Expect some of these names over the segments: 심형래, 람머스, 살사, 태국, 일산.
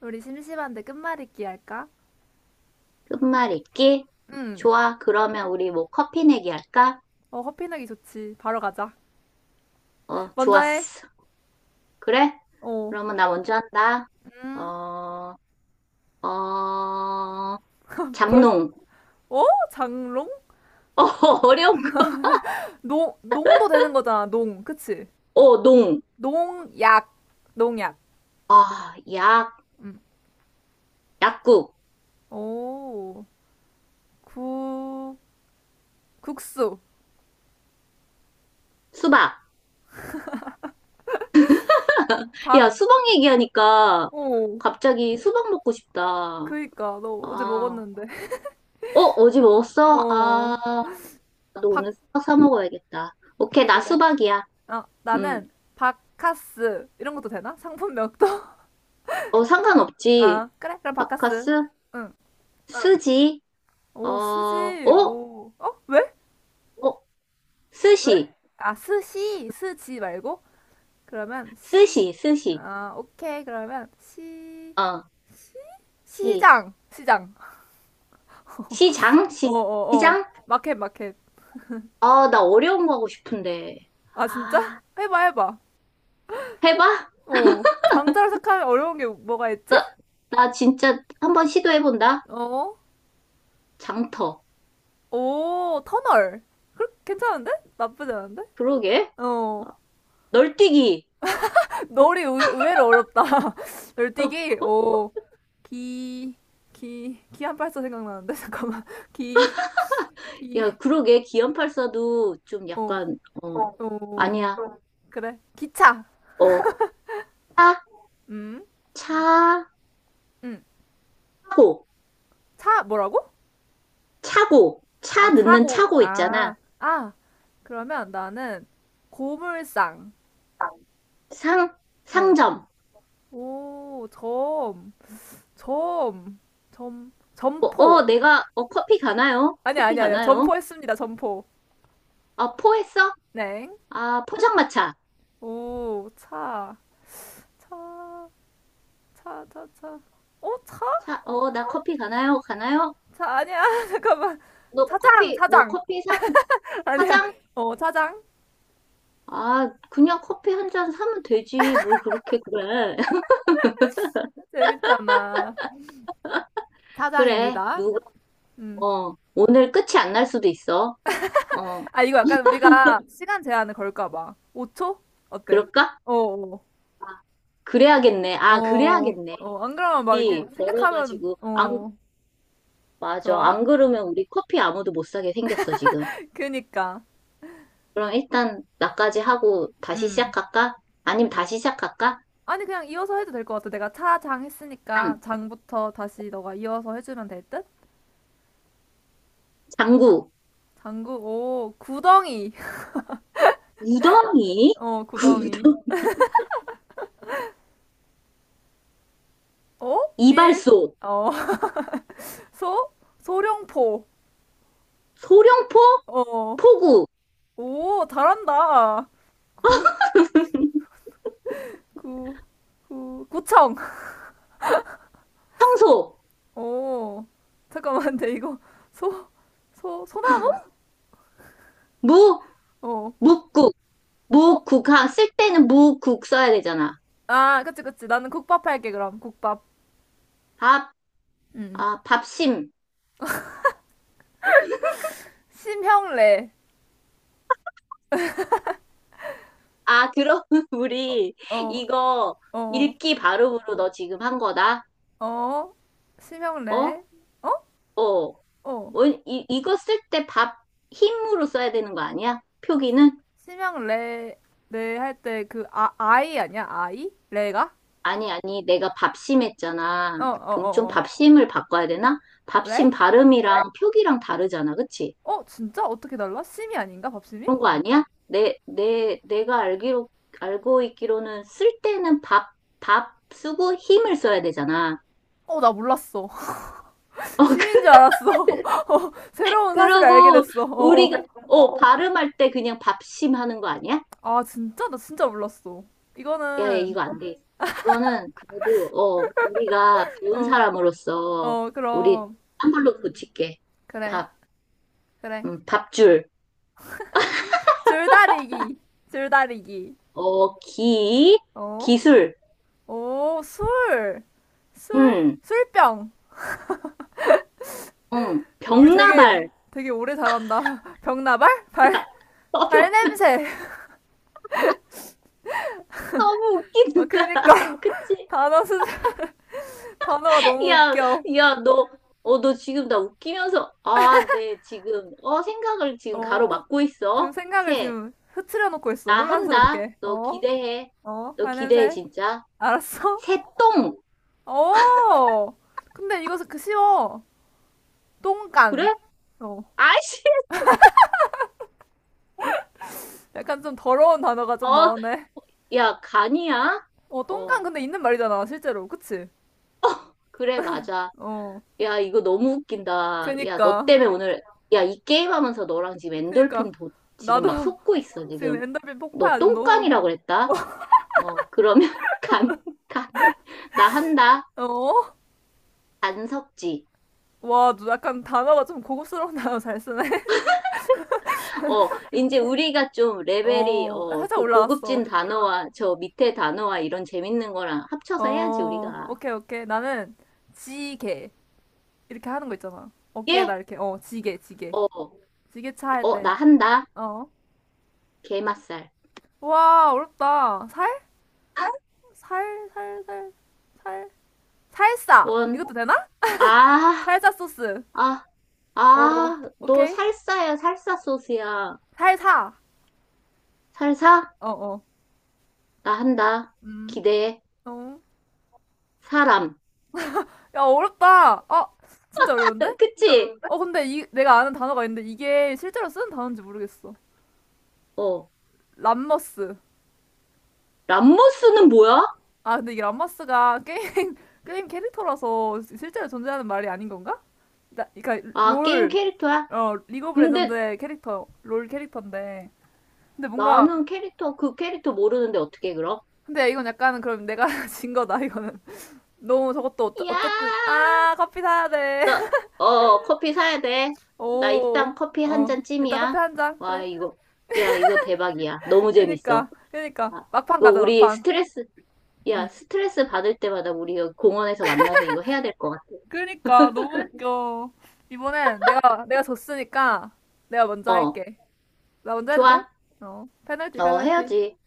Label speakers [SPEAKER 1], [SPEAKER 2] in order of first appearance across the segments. [SPEAKER 1] 우리 심심한데 끝말잇기 할까?
[SPEAKER 2] 끝말잇기?
[SPEAKER 1] 응.
[SPEAKER 2] 좋아. 그러면 우리 뭐 커피 내기 할까?
[SPEAKER 1] 어, 커피 내기 좋지. 바로 가자.
[SPEAKER 2] 어,
[SPEAKER 1] 먼저 해.
[SPEAKER 2] 좋았어. 그래?
[SPEAKER 1] 어.
[SPEAKER 2] 그러면 나 먼저 한다.
[SPEAKER 1] 음.
[SPEAKER 2] 어, 어,
[SPEAKER 1] 벌써.
[SPEAKER 2] 장롱.
[SPEAKER 1] 어? 장롱?
[SPEAKER 2] 어, 어려운 거.
[SPEAKER 1] 농, 농도 되는 거잖아, 농. 그치?
[SPEAKER 2] 어, 농.
[SPEAKER 1] 농약. 농약.
[SPEAKER 2] 아, 약,
[SPEAKER 1] 음.
[SPEAKER 2] 약국.
[SPEAKER 1] 오. 구, 국수.
[SPEAKER 2] 수박.
[SPEAKER 1] 박,
[SPEAKER 2] 야, 수박 얘기하니까
[SPEAKER 1] 오.
[SPEAKER 2] 갑자기 수박 먹고 싶다.
[SPEAKER 1] 그니까, 너 어제
[SPEAKER 2] 아,
[SPEAKER 1] 먹었는데.
[SPEAKER 2] 어제 먹었어?
[SPEAKER 1] 어.
[SPEAKER 2] 아, 나도
[SPEAKER 1] 박,
[SPEAKER 2] 오늘 수박 사 먹어야겠다. 오케이, 나
[SPEAKER 1] 그래.
[SPEAKER 2] 수박이야.
[SPEAKER 1] 아,
[SPEAKER 2] 음,
[SPEAKER 1] 나는 바카스. 이런 것도 되나? 상품명도?
[SPEAKER 2] 어, 상관없지.
[SPEAKER 1] 아, 그래. 그럼 바카스.
[SPEAKER 2] 바카스?
[SPEAKER 1] 응.
[SPEAKER 2] 응. 스지? 어,
[SPEAKER 1] 오, 스지.
[SPEAKER 2] 어?
[SPEAKER 1] 오. 어? 왜?
[SPEAKER 2] 어?
[SPEAKER 1] 왜?
[SPEAKER 2] 스시.
[SPEAKER 1] 아, 스시. 스지 말고? 그러면 시.
[SPEAKER 2] 스시, 스시.
[SPEAKER 1] 아, 오케이. 그러면 시.
[SPEAKER 2] 어, 시.
[SPEAKER 1] 시장. 시장.
[SPEAKER 2] 시장?
[SPEAKER 1] 어, 어, 어.
[SPEAKER 2] 시장?
[SPEAKER 1] 마켓, 마켓.
[SPEAKER 2] 아, 나 어려운 거 하고 싶은데.
[SPEAKER 1] 아, 진짜?
[SPEAKER 2] 아,
[SPEAKER 1] 해봐, 해봐.
[SPEAKER 2] 해봐?
[SPEAKER 1] 어. 장자로 시작하면 어려운 게 뭐가 있지?
[SPEAKER 2] 나 진짜 한번 시도해본다.
[SPEAKER 1] 어.
[SPEAKER 2] 장터.
[SPEAKER 1] 오, 터널. 그, 괜찮은데? 나쁘지 않은데?
[SPEAKER 2] 그러게. 어,
[SPEAKER 1] 어.
[SPEAKER 2] 널뛰기.
[SPEAKER 1] 널이 의외로 어렵다. 널뛰기. 오. 기, 기, 기안팔사 생각나는데 잠깐만. 기,
[SPEAKER 2] 야,
[SPEAKER 1] 기,
[SPEAKER 2] 그러게. 기연팔사도 좀
[SPEAKER 1] 오,
[SPEAKER 2] 약간,
[SPEAKER 1] 오.
[SPEAKER 2] 아니야.
[SPEAKER 1] 그래. 기차.
[SPEAKER 2] 어. 차,
[SPEAKER 1] 음, 음.
[SPEAKER 2] 차고,
[SPEAKER 1] 차 뭐라고?
[SPEAKER 2] 차고,
[SPEAKER 1] 아,
[SPEAKER 2] 차 넣는
[SPEAKER 1] 차고.
[SPEAKER 2] 차고
[SPEAKER 1] 아,
[SPEAKER 2] 있잖아.
[SPEAKER 1] 아. 그러면 나는 고물상.
[SPEAKER 2] 상,
[SPEAKER 1] 어.
[SPEAKER 2] 상점.
[SPEAKER 1] 오, 점, 점, 점, 점포.
[SPEAKER 2] 내가, 커피 가나요?
[SPEAKER 1] 아니,
[SPEAKER 2] 커피
[SPEAKER 1] 아니, 아니야.
[SPEAKER 2] 가나요?
[SPEAKER 1] 점포했습니다. 점포.
[SPEAKER 2] 아, 포했어?
[SPEAKER 1] 네.
[SPEAKER 2] 아, 포장마차.
[SPEAKER 1] 오, 차, 차. 차, 차, 차. 어, 차?
[SPEAKER 2] 차, 나 커피 가나요? 가나요?
[SPEAKER 1] 차 아니야. 잠깐만. 차장,
[SPEAKER 2] 너
[SPEAKER 1] 차장.
[SPEAKER 2] 커피 상,
[SPEAKER 1] 아니야.
[SPEAKER 2] 사장?
[SPEAKER 1] 어, 차장.
[SPEAKER 2] 아, 그냥 커피 한 잔 사면 되지. 뭘 그렇게 그래.
[SPEAKER 1] 재밌잖아.
[SPEAKER 2] 그래,
[SPEAKER 1] 차장입니다. 음.
[SPEAKER 2] 어, 오늘 끝이 안 날 수도 있어. 어,
[SPEAKER 1] 아, 이거 약간 우리가 시간 제한을 걸까 봐. 5초? 어때?
[SPEAKER 2] 그럴까?
[SPEAKER 1] 어, 어,
[SPEAKER 2] 그래야겠네. 아,
[SPEAKER 1] 어,
[SPEAKER 2] 그래야겠네.
[SPEAKER 1] 어. 안 그러면 막 이렇게
[SPEAKER 2] 이,
[SPEAKER 1] 생각하면,
[SPEAKER 2] 걸어가지고, 안,
[SPEAKER 1] 어,
[SPEAKER 2] 맞아.
[SPEAKER 1] 좋아.
[SPEAKER 2] 안 그러면 우리 커피 아무도 못 사게 생겼어, 지금.
[SPEAKER 1] 그니까.
[SPEAKER 2] 그럼 일단 나까지 하고 다시
[SPEAKER 1] 음.
[SPEAKER 2] 시작할까? 아니면 다시 시작할까?
[SPEAKER 1] 아니, 그냥 이어서 해도 될 것 같아. 내가 차장
[SPEAKER 2] 장,
[SPEAKER 1] 했으니까 장부터 다시 너가 이어서 해주면 될 듯?
[SPEAKER 2] 장구,
[SPEAKER 1] 장구, 오, 구덩이.
[SPEAKER 2] 우덩이,
[SPEAKER 1] 어, 구덩이.
[SPEAKER 2] 구덩이,
[SPEAKER 1] 어? 일,
[SPEAKER 2] 이발소,
[SPEAKER 1] 어, 소, 소룡포.
[SPEAKER 2] 소룡포,
[SPEAKER 1] 어,
[SPEAKER 2] 포구,
[SPEAKER 1] 오, 잘한다. 구, 구, 구, 구청.
[SPEAKER 2] 청소,
[SPEAKER 1] 오, 잠깐만, 근데 이거 소, 소, 소나무?
[SPEAKER 2] 무,
[SPEAKER 1] 어,
[SPEAKER 2] 묵국,
[SPEAKER 1] 어,
[SPEAKER 2] 무국, 아, 쓸 때는 무국 써야 되잖아.
[SPEAKER 1] 아, 그치, 그치. 나는 국밥 할게, 그럼. 국밥.
[SPEAKER 2] 밥,
[SPEAKER 1] 음.
[SPEAKER 2] 아, 밥심.
[SPEAKER 1] 심형래.
[SPEAKER 2] 아, 그럼 우리
[SPEAKER 1] 어,
[SPEAKER 2] 이거
[SPEAKER 1] 어,
[SPEAKER 2] 읽기 발음으로 너 지금 한 거다?
[SPEAKER 1] 어,
[SPEAKER 2] 어?
[SPEAKER 1] 심형래. 어?
[SPEAKER 2] 어.
[SPEAKER 1] 어.
[SPEAKER 2] 이거 쓸 때 밥, 힘으로 써야 되는 거 아니야?
[SPEAKER 1] 시,
[SPEAKER 2] 표기는?
[SPEAKER 1] 심형래, 래 할 때 그, 아, 아이 아니야? 아이? 레가?
[SPEAKER 2] 아니, 아니, 내가 밥심했잖아.
[SPEAKER 1] 어, 어,
[SPEAKER 2] 그럼 좀
[SPEAKER 1] 어, 어.
[SPEAKER 2] 밥심을 바꿔야 되나?
[SPEAKER 1] 왜?
[SPEAKER 2] 밥심 발음이랑 표기랑 다르잖아, 그치?
[SPEAKER 1] 어, 진짜? 어떻게 달라? 심이 아닌가? 밥심이?
[SPEAKER 2] 그런 거 아니야? 내가 알고 있기로는 쓸 때는 밥, 밥 쓰고 힘을 써야 되잖아.
[SPEAKER 1] 어, 나 몰랐어.
[SPEAKER 2] 어,
[SPEAKER 1] 심인
[SPEAKER 2] 그-
[SPEAKER 1] 줄 알았어. 어, 새로운 사실을 알게
[SPEAKER 2] 그러고,
[SPEAKER 1] 됐어. 어.
[SPEAKER 2] 우리가, 발음할 때 그냥 밥심 하는 거 아니야?
[SPEAKER 1] 아, 진짜? 나 진짜 몰랐어.
[SPEAKER 2] 야, 야,
[SPEAKER 1] 이거는,
[SPEAKER 2] 이거 안 돼. 이거는 그래도, 우리가 배운
[SPEAKER 1] 어,
[SPEAKER 2] 사람으로서,
[SPEAKER 1] 어,
[SPEAKER 2] 우리
[SPEAKER 1] 그럼.
[SPEAKER 2] 한 걸로 고칠게.
[SPEAKER 1] 그래,
[SPEAKER 2] 밥,
[SPEAKER 1] 그래.
[SPEAKER 2] 밥줄.
[SPEAKER 1] 줄다리기. 줄다리기.
[SPEAKER 2] 기,
[SPEAKER 1] 어?
[SPEAKER 2] 기술,
[SPEAKER 1] 오, 술. 술,
[SPEAKER 2] 응,
[SPEAKER 1] 술병.
[SPEAKER 2] 응,
[SPEAKER 1] 우리 되게,
[SPEAKER 2] 병나발.
[SPEAKER 1] 되게 오래 잘한다. 병나발?
[SPEAKER 2] 야,
[SPEAKER 1] 발,
[SPEAKER 2] 병,
[SPEAKER 1] 발냄새.
[SPEAKER 2] 너무
[SPEAKER 1] 어,
[SPEAKER 2] 웃긴다.
[SPEAKER 1] 그니까.
[SPEAKER 2] 그치?
[SPEAKER 1] 단어 스, 단어가 너무
[SPEAKER 2] 야,
[SPEAKER 1] 웃겨.
[SPEAKER 2] 야, 너 지금 나 웃기면서, 아, 네, 지금, 생각을 지금
[SPEAKER 1] 어,
[SPEAKER 2] 가로막고
[SPEAKER 1] 지금
[SPEAKER 2] 있어.
[SPEAKER 1] 생각을 지금 흐트려 놓고 있어.
[SPEAKER 2] 나 한다.
[SPEAKER 1] 혼란스럽게.
[SPEAKER 2] 너
[SPEAKER 1] 어?
[SPEAKER 2] 기대해.
[SPEAKER 1] 어?
[SPEAKER 2] 너 기대해,
[SPEAKER 1] 발냄새?
[SPEAKER 2] 진짜.
[SPEAKER 1] 알았어?
[SPEAKER 2] 새똥.
[SPEAKER 1] 어! 근데 이것은 그 쉬워.
[SPEAKER 2] 그래?
[SPEAKER 1] 똥간. 어.
[SPEAKER 2] 아이씨,
[SPEAKER 1] 약간 좀 더러운 단어가
[SPEAKER 2] 어,
[SPEAKER 1] 좀
[SPEAKER 2] 어,
[SPEAKER 1] 나오네.
[SPEAKER 2] 야, 간이야?
[SPEAKER 1] 어, 똥간
[SPEAKER 2] 어,
[SPEAKER 1] 근데 있는 말이잖아, 실제로. 그치?
[SPEAKER 2] 그래, 맞아.
[SPEAKER 1] 어.
[SPEAKER 2] 야, 이거 너무 웃긴다. 야, 너
[SPEAKER 1] 그니까.
[SPEAKER 2] 때문에 오늘, 야, 이 게임 하면서 너랑 지금
[SPEAKER 1] 그니까.
[SPEAKER 2] 엔돌핀 도, 지금
[SPEAKER 1] 나도
[SPEAKER 2] 막 솟고 있어, 지금.
[SPEAKER 1] 지금 엔더빈
[SPEAKER 2] 너
[SPEAKER 1] 폭파야. 지금 너무.
[SPEAKER 2] 똥깡이라고
[SPEAKER 1] 웃겨.
[SPEAKER 2] 그랬다? 그러면 간, 간, 나 한다.
[SPEAKER 1] 어?
[SPEAKER 2] 간섭지.
[SPEAKER 1] 와, 너 약간 단어가 좀 고급스러운 단어 잘 쓰네.
[SPEAKER 2] 어, 이제 우리가 좀 레벨이,
[SPEAKER 1] 어, 살짝
[SPEAKER 2] 그 고급진
[SPEAKER 1] 올라갔어.
[SPEAKER 2] 단어와 저 밑에 단어와 이런 재밌는 거랑 합쳐서 해야지,
[SPEAKER 1] 어,
[SPEAKER 2] 우리가.
[SPEAKER 1] 오케이, 오케이. 나는 지게. 이렇게 하는 거 있잖아.
[SPEAKER 2] 예?
[SPEAKER 1] 어깨에다 이렇게, 어, 지게, 지게.
[SPEAKER 2] 어,
[SPEAKER 1] 지게차 할
[SPEAKER 2] 나
[SPEAKER 1] 때,
[SPEAKER 2] 한다.
[SPEAKER 1] 어.
[SPEAKER 2] 게맛살.
[SPEAKER 1] 와, 어렵다. 살? 살, 살, 살, 살. 살사!
[SPEAKER 2] 원,
[SPEAKER 1] 이것도 되나?
[SPEAKER 2] 아,
[SPEAKER 1] 살사 소스.
[SPEAKER 2] 아,
[SPEAKER 1] 어,
[SPEAKER 2] 아, 너
[SPEAKER 1] 오케이.
[SPEAKER 2] 살사야, 살사 소스야.
[SPEAKER 1] 살사.
[SPEAKER 2] 살사?
[SPEAKER 1] 어, 어.
[SPEAKER 2] 나 한다.
[SPEAKER 1] 음,
[SPEAKER 2] 기대해.
[SPEAKER 1] 어.
[SPEAKER 2] 사람.
[SPEAKER 1] 야, 어렵다. 아, 진짜 어려운데?
[SPEAKER 2] 그치?
[SPEAKER 1] 어, 근데 이, 내가 아는 단어가 있는데 이게 실제로 쓰는 단어인지 모르겠어.
[SPEAKER 2] 어.
[SPEAKER 1] 람머스.
[SPEAKER 2] 람모스는 뭐야?
[SPEAKER 1] 아, 근데 이게 람머스가 게임, 게임 캐릭터라서 실제로 존재하는 말이 아닌 건가? 나, 그러니까
[SPEAKER 2] 아, 게임
[SPEAKER 1] 롤,
[SPEAKER 2] 캐릭터야?
[SPEAKER 1] 어 리그 오브
[SPEAKER 2] 근데
[SPEAKER 1] 레전드의 캐릭터 롤 캐릭터인데 근데 뭔가
[SPEAKER 2] 나는 그 캐릭터 모르는데 어떻게 그럼?
[SPEAKER 1] 근데 이건 약간은 그럼 내가 진 거다 이거는 너무 저것도 어째- 어쨌든
[SPEAKER 2] 야,
[SPEAKER 1] 아 커피 사야
[SPEAKER 2] 나, 커피 사야 돼. 나 일단 커피 한
[SPEAKER 1] 돼오어
[SPEAKER 2] 잔
[SPEAKER 1] 일단
[SPEAKER 2] 찜이야.
[SPEAKER 1] 커피 한잔
[SPEAKER 2] 와,
[SPEAKER 1] 그래
[SPEAKER 2] 이거, 야, 이거 대박이야. 너무 재밌어.
[SPEAKER 1] 그니까 그니까
[SPEAKER 2] 아,
[SPEAKER 1] 막판
[SPEAKER 2] 이거
[SPEAKER 1] 가자
[SPEAKER 2] 우리
[SPEAKER 1] 막판
[SPEAKER 2] 스트레스, 야,
[SPEAKER 1] 응
[SPEAKER 2] 스트레스 받을 때마다 우리 여기 공원에서 만나서 이거 해야 될 것 같아.
[SPEAKER 1] 그니까 너무 웃겨 이번엔 내가 졌으니까 내가 먼저
[SPEAKER 2] 어,
[SPEAKER 1] 할게 나 먼저 해도 돼?
[SPEAKER 2] 좋아.
[SPEAKER 1] 어 페널티
[SPEAKER 2] 어,
[SPEAKER 1] 페널티
[SPEAKER 2] 해야지.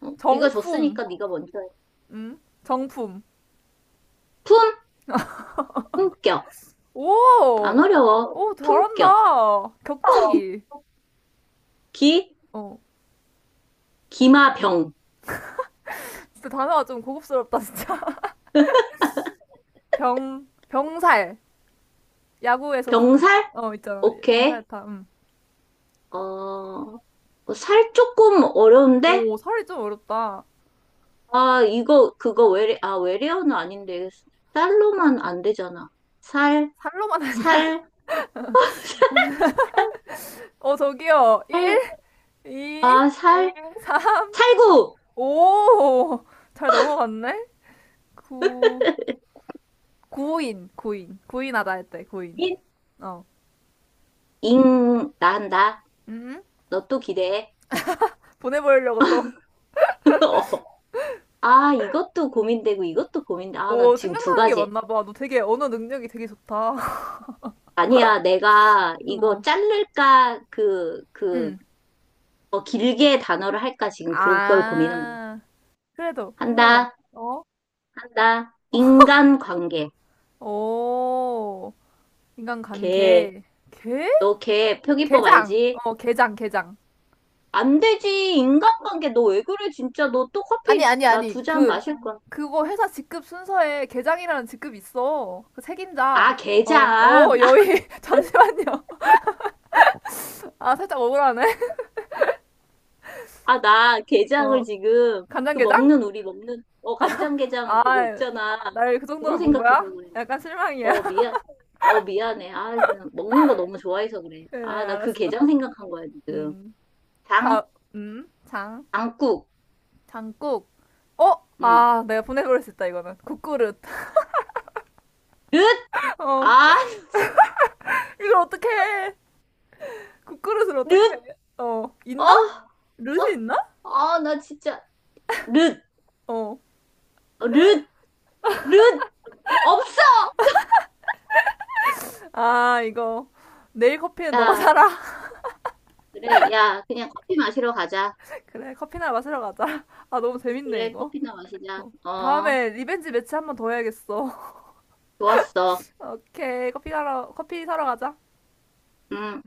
[SPEAKER 2] 어? 네가
[SPEAKER 1] 정품
[SPEAKER 2] 줬으니까 네가 먼저 해.
[SPEAKER 1] 응 정품
[SPEAKER 2] 품, 품격. 안
[SPEAKER 1] 오!
[SPEAKER 2] 어려워.
[SPEAKER 1] 오,
[SPEAKER 2] 품격.
[SPEAKER 1] 잘한다. 격투기.
[SPEAKER 2] 기,
[SPEAKER 1] 어.
[SPEAKER 2] 기마병.
[SPEAKER 1] 진짜 단어가 좀 고급스럽다, 진짜. 병, 병살. 야구에서 쓰는,
[SPEAKER 2] 병살?
[SPEAKER 1] 어, 있잖아.
[SPEAKER 2] 오케이.
[SPEAKER 1] 병살타. 음.
[SPEAKER 2] 어, 살 조금 어려운데?
[SPEAKER 1] 오, 살이 좀 어렵다.
[SPEAKER 2] 아, 이거, 그거 아, 외래어는 아닌데. 쌀로만 안 되잖아. 살,
[SPEAKER 1] 살로만 아니야?
[SPEAKER 2] 살,
[SPEAKER 1] 어, 저기요. 1,
[SPEAKER 2] 살,
[SPEAKER 1] 2,
[SPEAKER 2] 아,
[SPEAKER 1] 4,
[SPEAKER 2] 살, 살구!
[SPEAKER 1] 오잘 넘어갔네? 구, 구인, 구인. 구인하다 했대, 구인.
[SPEAKER 2] 인,
[SPEAKER 1] 어.
[SPEAKER 2] 잉, 난다.
[SPEAKER 1] 음?
[SPEAKER 2] 너 또 기대해.
[SPEAKER 1] 보내보려고 또.
[SPEAKER 2] 어. 아, 이것도 고민되고, 이것도 고민돼. 아, 나
[SPEAKER 1] 오,
[SPEAKER 2] 지금 두
[SPEAKER 1] 생각나는 게
[SPEAKER 2] 가지.
[SPEAKER 1] 많나 봐. 너 되게 언어 능력이 되게 좋다.
[SPEAKER 2] 아니야, 내가 이거
[SPEAKER 1] 어.
[SPEAKER 2] 자를까,
[SPEAKER 1] 응.
[SPEAKER 2] 더 길게 단어를 할까, 지금 그걸 고민한 거야.
[SPEAKER 1] 아, 그래도 궁금해.
[SPEAKER 2] 한다,
[SPEAKER 1] 어?
[SPEAKER 2] 한다. 인간관계.
[SPEAKER 1] 오, 인간간
[SPEAKER 2] 걔,
[SPEAKER 1] 계 개?
[SPEAKER 2] 너 걔 표기법
[SPEAKER 1] 개장.
[SPEAKER 2] 알지?
[SPEAKER 1] 어, 개장, 개장.
[SPEAKER 2] 안 되지,
[SPEAKER 1] 아,
[SPEAKER 2] 인간관계. 너 왜 그래, 진짜. 너 또
[SPEAKER 1] 아니,
[SPEAKER 2] 커피,
[SPEAKER 1] 아니,
[SPEAKER 2] 나
[SPEAKER 1] 아니.
[SPEAKER 2] 두 잔
[SPEAKER 1] 그,
[SPEAKER 2] 마실 거야.
[SPEAKER 1] 그거 회사 직급 순서에 개장이라는 직급 있어. 그 책임자.
[SPEAKER 2] 아,
[SPEAKER 1] 어,
[SPEAKER 2] 게장.
[SPEAKER 1] 어, 여의. 잠시만요. 아, 살짝 억울하네.
[SPEAKER 2] 아, 나 게장을
[SPEAKER 1] 어,
[SPEAKER 2] 지금, 그
[SPEAKER 1] 간장게장?
[SPEAKER 2] 먹는, 우리 먹는, 간장게장 그거
[SPEAKER 1] 아,
[SPEAKER 2] 있잖아.
[SPEAKER 1] 날 그
[SPEAKER 2] 그거
[SPEAKER 1] 정도로 본
[SPEAKER 2] 생각해서
[SPEAKER 1] 거야?
[SPEAKER 2] 그래.
[SPEAKER 1] 약간 실망이야.
[SPEAKER 2] 어, 미안. 어, 미안해. 아, 진짜 먹는 거 너무 좋아해서 그래.
[SPEAKER 1] 그래,
[SPEAKER 2] 아, 나 그
[SPEAKER 1] 알았어.
[SPEAKER 2] 게장 생각한 거야, 지금.
[SPEAKER 1] 음,
[SPEAKER 2] 장,
[SPEAKER 1] 자, 장.
[SPEAKER 2] 장국.
[SPEAKER 1] 장국. 어?
[SPEAKER 2] 응.
[SPEAKER 1] 아, 내가 보내버릴 수 있다, 이거는. 국그릇.
[SPEAKER 2] 릇!
[SPEAKER 1] 어.
[SPEAKER 2] 아,
[SPEAKER 1] 이걸 어떡해. 국그릇을 어떡해.
[SPEAKER 2] 릇!
[SPEAKER 1] 어.
[SPEAKER 2] 어,
[SPEAKER 1] 있나? 룻이
[SPEAKER 2] 어,
[SPEAKER 1] 있나?
[SPEAKER 2] 아, 나 진짜. 릇!
[SPEAKER 1] 어.
[SPEAKER 2] 릇! 릇! 없어!
[SPEAKER 1] 아, 이거. 내일 커피는 너가
[SPEAKER 2] 야,
[SPEAKER 1] 사라.
[SPEAKER 2] 그래. 야, 그냥 커피 마시러 가자.
[SPEAKER 1] 그래, 커피나 마시러 가자. 아, 너무 재밌네,
[SPEAKER 2] 그래,
[SPEAKER 1] 이거.
[SPEAKER 2] 커피나 마시자.
[SPEAKER 1] 어.
[SPEAKER 2] 어,
[SPEAKER 1] 다음에 리벤지 매치 한번 더 해야겠어.
[SPEAKER 2] 좋았어.
[SPEAKER 1] 오케이. 커피 사러, 커피 사러 가자.
[SPEAKER 2] 음.